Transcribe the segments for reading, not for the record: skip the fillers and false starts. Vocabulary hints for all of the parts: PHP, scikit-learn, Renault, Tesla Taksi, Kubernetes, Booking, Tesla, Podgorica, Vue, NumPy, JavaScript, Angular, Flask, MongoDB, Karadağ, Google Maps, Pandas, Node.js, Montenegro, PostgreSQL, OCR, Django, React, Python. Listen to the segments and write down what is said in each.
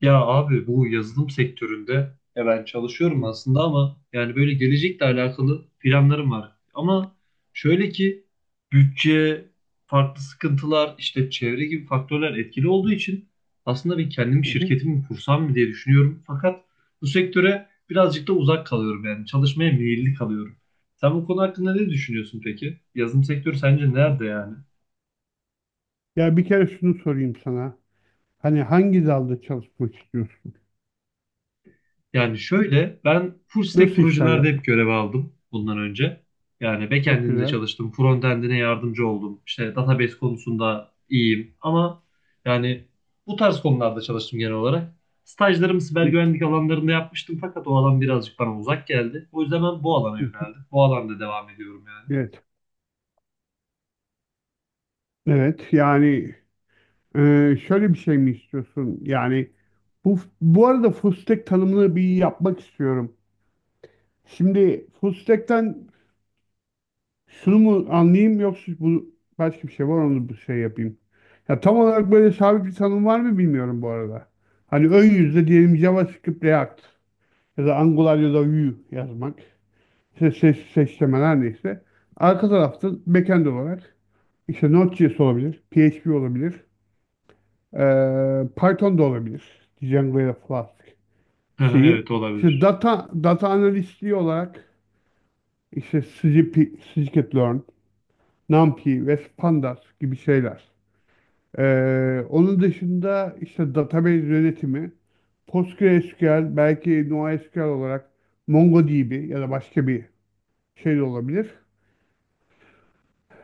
Ya abi bu yazılım sektöründe ya ben çalışıyorum Hı aslında ama yani böyle gelecekle alakalı planlarım var. Ama şöyle ki bütçe, farklı sıkıntılar, işte çevre gibi faktörler etkili olduğu için aslında ben kendimi hı hı. şirketimi kursam mı diye düşünüyorum. Fakat bu sektöre birazcık da uzak kalıyorum yani çalışmaya meyilli kalıyorum. Sen bu konu hakkında ne düşünüyorsun peki? Yazılım sektörü sence nerede yani? Ya bir kere şunu sorayım sana. Hani hangi dalda çalışmak istiyorsun? Yani şöyle ben full stack Nasıl işler projelerde hep yapmak? görev aldım bundan önce. Yani Çok backend'inde güzel. çalıştım, frontend'ine yardımcı oldum. İşte database konusunda iyiyim ama yani bu tarz konularda çalıştım genel olarak. Stajlarımı siber Hı güvenlik alanlarında yapmıştım fakat o alan birazcık bana uzak geldi. O yüzden ben bu alana hı hı. yöneldim. Bu alanda devam ediyorum yani. Evet. Evet. Yani, şöyle bir şey mi istiyorsun? Yani bu arada full stack tanımını bir yapmak istiyorum. Şimdi full stack'ten şunu mu anlayayım yoksa bu başka bir şey var onu bir şey yapayım. Ya tam olarak böyle sabit bir tanım var mı bilmiyorum bu arada. Hani ön yüzde diyelim JavaScript React ya da Angular ya da Vue yazmak. İşte ses, seçmeler her neyse. Arka tarafta backend olarak işte Node.js olabilir, PHP olabilir, Python da olabilir. Django ya da Flask şeyi. Evet İşte olabilir. data analistliği olarak işte SGP, scikit-learn, NumPy ve Pandas gibi şeyler. Onun dışında işte database yönetimi, PostgreSQL, belki NoSQL olarak MongoDB ya da başka bir şey de olabilir.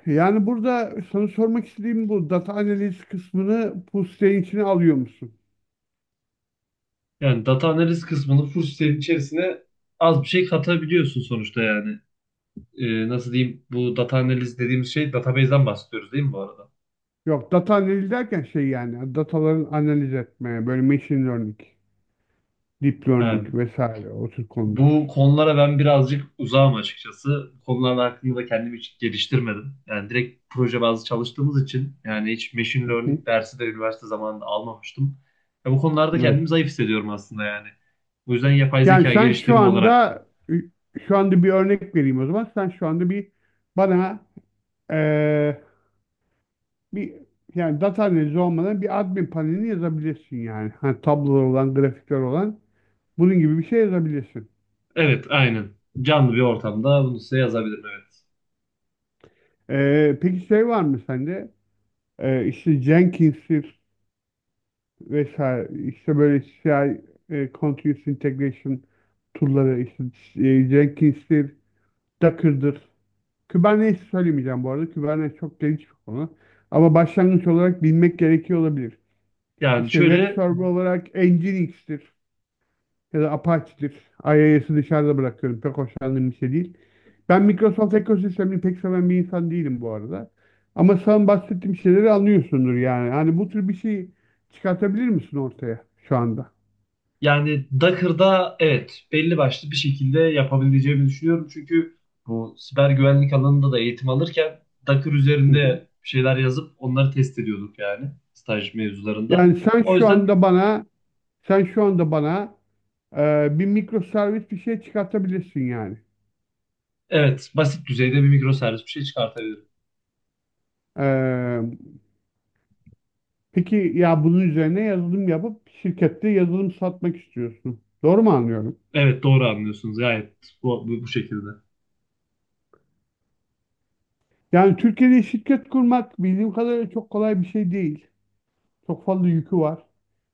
Yani burada sana sormak istediğim bu data analiz kısmını Pusley'in içine alıyor musun? Yani data analiz kısmını full stack'in içerisine az bir şey katabiliyorsun sonuçta yani. Nasıl diyeyim, bu data analiz dediğimiz şey database'den bahsediyoruz değil mi bu arada? Yok, data analiz derken şey, yani dataların analiz etmeye böyle machine learning, deep Ha, learning vesaire o tür konular. bu konulara ben birazcık uzağım açıkçası. Bu konular hakkında da kendimi hiç geliştirmedim. Yani direkt proje bazlı çalıştığımız için yani hiç machine Hı hı. learning dersi de üniversite zamanında almamıştım. Ya bu konularda Evet. kendimi zayıf hissediyorum aslında yani. Bu yüzden yapay Yani zeka sen şu geliştirme olarak da. anda, bir örnek vereyim o zaman. Sen şu anda bir bana eee, bir yani, data analizi olmadan bir admin panelini yazabilirsin yani. Hani tablolar olan, grafikler olan bunun gibi bir şey yazabilirsin. Evet, aynen. Canlı bir ortamda bunu size yazabilirim, evet. Peki şey var mı sende? İşte Jenkins'tir vesaire, işte böyle CI, Continuous Integration tool'ları, işte, Jenkins'tir, Docker'dır. Kubernetes söylemeyeceğim bu arada. Kubernetes çok geniş bir konu. Ama başlangıç olarak bilmek gerekiyor olabilir. Yani İşte web şöyle server olarak Nginx'tir ya da Apache'dir. IIS'i dışarıda bırakıyorum. Pek hoşlandığım bir şey değil. Ben Microsoft ekosistemini pek seven bir insan değilim bu arada. Ama sen bahsettiğim şeyleri anlıyorsundur yani. Hani bu tür bir şey çıkartabilir misin ortaya şu anda? Yani Docker'da evet belli başlı bir şekilde yapabileceğimi düşünüyorum. Çünkü bu siber güvenlik alanında da eğitim alırken Docker Hı hı. üzerinde bir şeyler yazıp onları test ediyorduk yani staj mevzularında. Yani sen O şu yüzden anda bana sen şu anda bana bir mikroservis bir şey çıkartabilirsin yani. evet, basit düzeyde bir mikroservis bir şey çıkartabilirim. E, peki ya bunun üzerine yazılım yapıp şirkette yazılım satmak istiyorsun. Doğru mu anlıyorum? Evet, doğru anlıyorsunuz gayet bu şekilde. Yani Türkiye'de şirket kurmak bildiğim kadarıyla çok kolay bir şey değil. Çok fazla yükü var.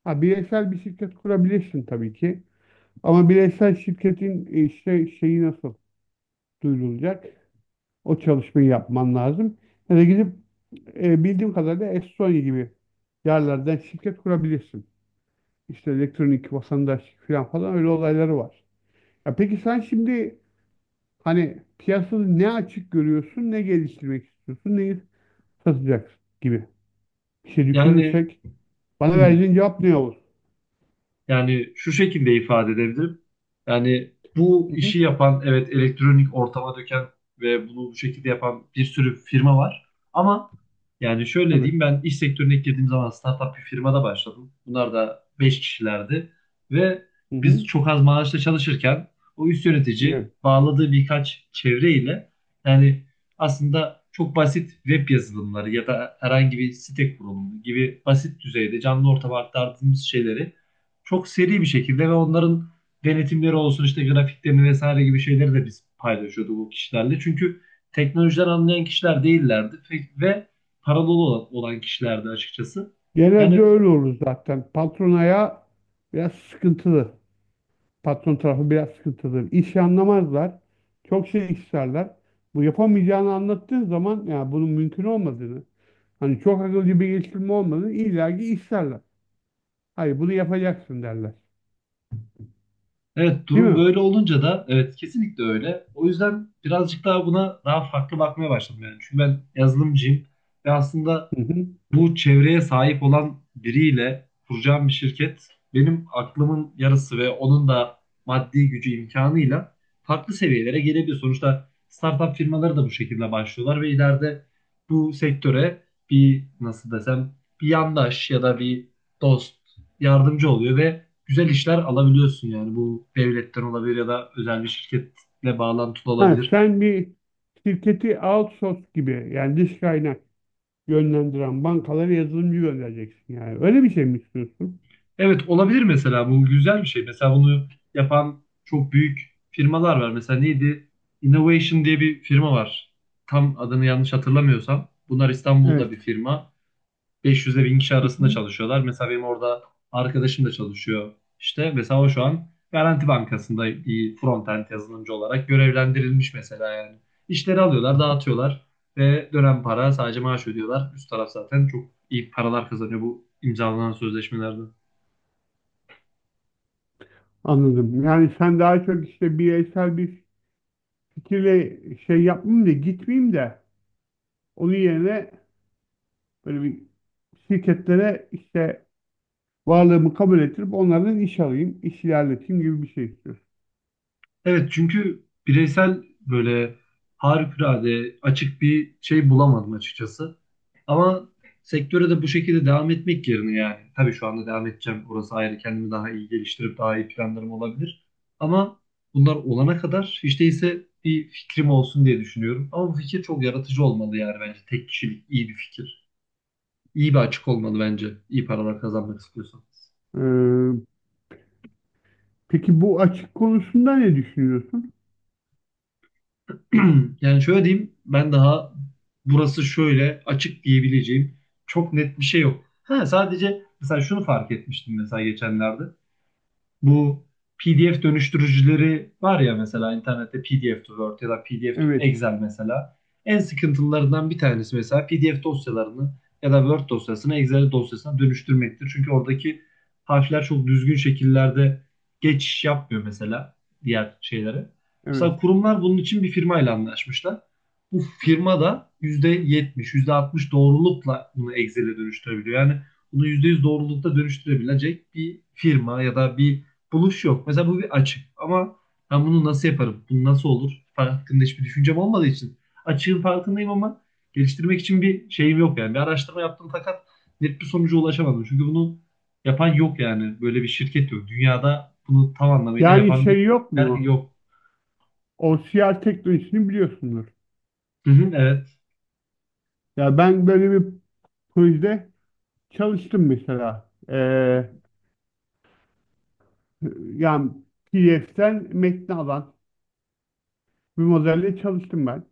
Ha, bireysel bir şirket kurabilirsin tabii ki. Ama bireysel şirketin, işte, şeyi nasıl duyurulacak? O çalışmayı yapman lazım. Ya da gidip, bildiğim kadarıyla Estonya gibi yerlerden şirket kurabilirsin. İşte elektronik vatandaşlık falan falan, öyle olayları var. Ya peki sen şimdi, hani piyasada ne açık görüyorsun, ne geliştirmek istiyorsun, neyi satacaksın gibi. Bir şey Yani düşünürsek bana vereceğin cevap ne olur? Yani şu şekilde ifade edebilirim. Yani bu Hı hı, işi yapan, evet elektronik ortama döken ve bunu bu şekilde yapan bir sürü firma var. Ama yani şöyle tabii. diyeyim, ben iş sektörüne ilk girdiğim zaman startup bir firmada başladım. Bunlar da 5 kişilerdi. Ve Hı biz hı, çok az maaşla çalışırken o üst yönetici evet. bağladığı birkaç çevre ile yani aslında çok basit web yazılımları ya da herhangi bir site kurulumu gibi basit düzeyde canlı ortama aktardığımız şeyleri çok seri bir şekilde ve onların denetimleri olsun, işte grafiklerini vesaire gibi şeyleri de biz paylaşıyorduk o kişilerle. Çünkü teknolojiden anlayan kişiler değillerdi ve paralı olan kişilerdi açıkçası. Yani Genelde öyle olur zaten. Patron ayağı biraz sıkıntılı. Patron tarafı biraz sıkıntılı. İşi anlamazlar. Çok şey isterler. Bu yapamayacağını anlattığın zaman ya bunun mümkün olmadığını, hani çok akılcı bir geliştirme olmadığını illaki isterler. Hayır, bunu yapacaksın derler. evet, Değil durum mi? böyle olunca da evet kesinlikle öyle. O yüzden birazcık daha buna daha farklı bakmaya başladım yani. Çünkü ben yazılımcıyım ve aslında Hı hı. bu çevreye sahip olan biriyle kuracağım bir şirket benim aklımın yarısı ve onun da maddi gücü imkanıyla farklı seviyelere gelebilir. Sonuçta startup firmaları da bu şekilde başlıyorlar ve ileride bu sektöre bir nasıl desem bir yandaş ya da bir dost yardımcı oluyor ve güzel işler alabiliyorsun yani, bu devletten olabilir ya da özel bir şirketle bağlantılı Ha, olabilir. sen bir şirketi outsource gibi, yani dış kaynak yönlendiren bankalara yazılımcı göndereceksin yani. Öyle bir şey mi istiyorsun? Evet, olabilir mesela, bu güzel bir şey. Mesela bunu yapan çok büyük firmalar var. Mesela neydi? Innovation diye bir firma var. Tam adını yanlış hatırlamıyorsam. Bunlar İstanbul'da bir Evet. firma. 500'e 1000 kişi Hı arasında hı. çalışıyorlar. Mesela benim orada arkadaşım da çalışıyor. İşte mesela o şu an Garanti Bankası'nda bir frontend yazılımcı olarak görevlendirilmiş mesela yani. İşleri alıyorlar, dağıtıyorlar ve dönen para sadece maaş ödüyorlar. Üst taraf zaten çok iyi paralar kazanıyor bu imzalanan sözleşmelerde. Anladım. Yani sen daha çok işte bireysel bir fikirle şey yapmayayım da gitmeyeyim de, onun yerine böyle bir şirketlere işte varlığımı kabul ettirip onlardan iş alayım, iş ilerleteyim gibi bir şey istiyorsun. Evet, çünkü bireysel böyle harikulade açık bir şey bulamadım açıkçası. Ama sektöre de bu şekilde devam etmek yerine yani. Tabii şu anda devam edeceğim. Orası ayrı. Kendimi daha iyi geliştirip daha iyi planlarım olabilir. Ama bunlar olana kadar hiç değilse bir fikrim olsun diye düşünüyorum. Ama bu fikir çok yaratıcı olmalı yani, bence. Tek kişilik iyi bir fikir. İyi bir açık olmalı bence. İyi paralar kazanmak istiyorsan. Ee, peki bu açık konusunda ne düşünüyorsun? Yani şöyle diyeyim, ben daha burası şöyle açık diyebileceğim çok net bir şey yok. Ha, sadece mesela şunu fark etmiştim mesela geçenlerde. Bu PDF dönüştürücüleri var ya, mesela internette PDF to Word ya da PDF to Evet, Excel mesela. En sıkıntılarından bir tanesi mesela PDF dosyalarını ya da Word dosyasını Excel dosyasına dönüştürmektir. Çünkü oradaki harfler çok düzgün şekillerde geçiş yapmıyor mesela diğer şeylere. Mesela evet. kurumlar bunun için bir firmayla anlaşmışlar. Bu firma da yüzde yetmiş, yüzde altmış doğrulukla bunu Excel'e dönüştürebiliyor. Yani bunu %100 doğrulukta dönüştürebilecek bir firma ya da bir buluş yok. Mesela bu bir açık ama ben bunu nasıl yaparım? Bu nasıl olur? Hakkında hiçbir düşüncem olmadığı için. Açığın farkındayım ama geliştirmek için bir şeyim yok yani. Bir araştırma yaptım fakat net bir sonuca ulaşamadım. Çünkü bunu yapan yok yani. Böyle bir şirket yok. Dünyada bunu tam anlamıyla Yani yapan bir şey yok yer mu? yok. O OCR teknolojisini biliyorsundur. Hı hı, evet. Ya ben böyle bir projede çalıştım mesela. Yani PDF'den metni alan bir modelle çalıştım ben.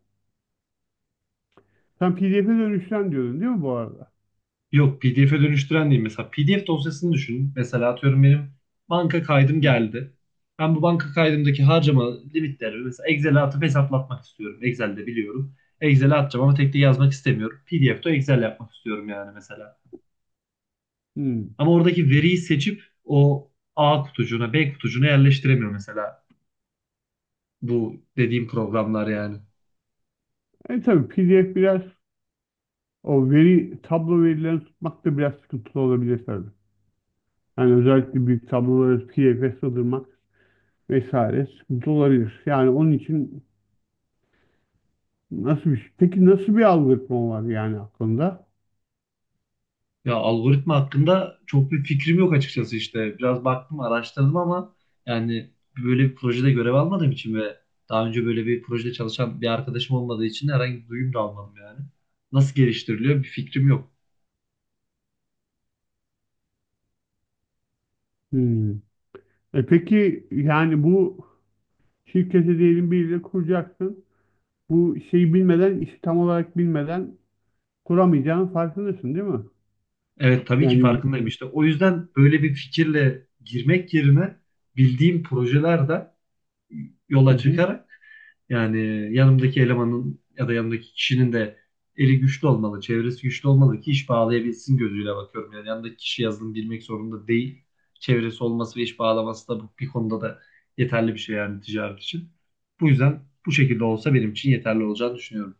Sen PDF'e dönüşten diyordun değil mi bu arada? Yok, PDF'e dönüştüren değil. Mesela PDF dosyasını düşünün. Mesela atıyorum, benim banka kaydım Hı hı. geldi. Ben bu banka kaydımdaki harcama limitlerimi mesela Excel'e atıp hesaplatmak istiyorum. Excel'de biliyorum. Excel'e atacağım ama tek tek yazmak istemiyorum. PDF'de Excel yapmak istiyorum yani, mesela. Hmm. Ama oradaki veriyi seçip o A kutucuğuna, B kutucuğuna yerleştiremiyor mesela bu dediğim programlar yani. Tabii PDF biraz, o veri tablo verilerini tutmak da biraz sıkıntılı olabilir tabii. Yani özellikle büyük tabloları PDF'e sığdırmak vesaire sıkıntı olabilir. Yani onun için nasıl bir şey? Peki nasıl bir algoritma var yani aklında? Ya algoritma hakkında çok bir fikrim yok açıkçası işte. Biraz baktım, araştırdım ama yani böyle bir projede görev almadığım için ve daha önce böyle bir projede çalışan bir arkadaşım olmadığı için herhangi bir duyum da almadım yani. Nasıl geliştiriliyor bir fikrim yok. Hmm. Peki yani bu şirkete diyelim biriyle kuracaksın. Bu şeyi bilmeden, işi tam olarak bilmeden kuramayacağının farkındasın değil mi? Evet, tabii ki Yani farkındayım işte. O yüzden böyle bir fikirle girmek yerine bildiğim projelerde hı yola hı. çıkarak. Yani yanımdaki elemanın ya da yanımdaki kişinin de eli güçlü olmalı, çevresi güçlü olmalı ki iş bağlayabilsin gözüyle bakıyorum. Yani yanındaki kişi yazılım bilmek zorunda değil. Çevresi olması ve iş bağlaması da bu- bir konuda da yeterli bir şey yani, ticaret için. Bu yüzden bu şekilde olsa benim için yeterli olacağını düşünüyorum.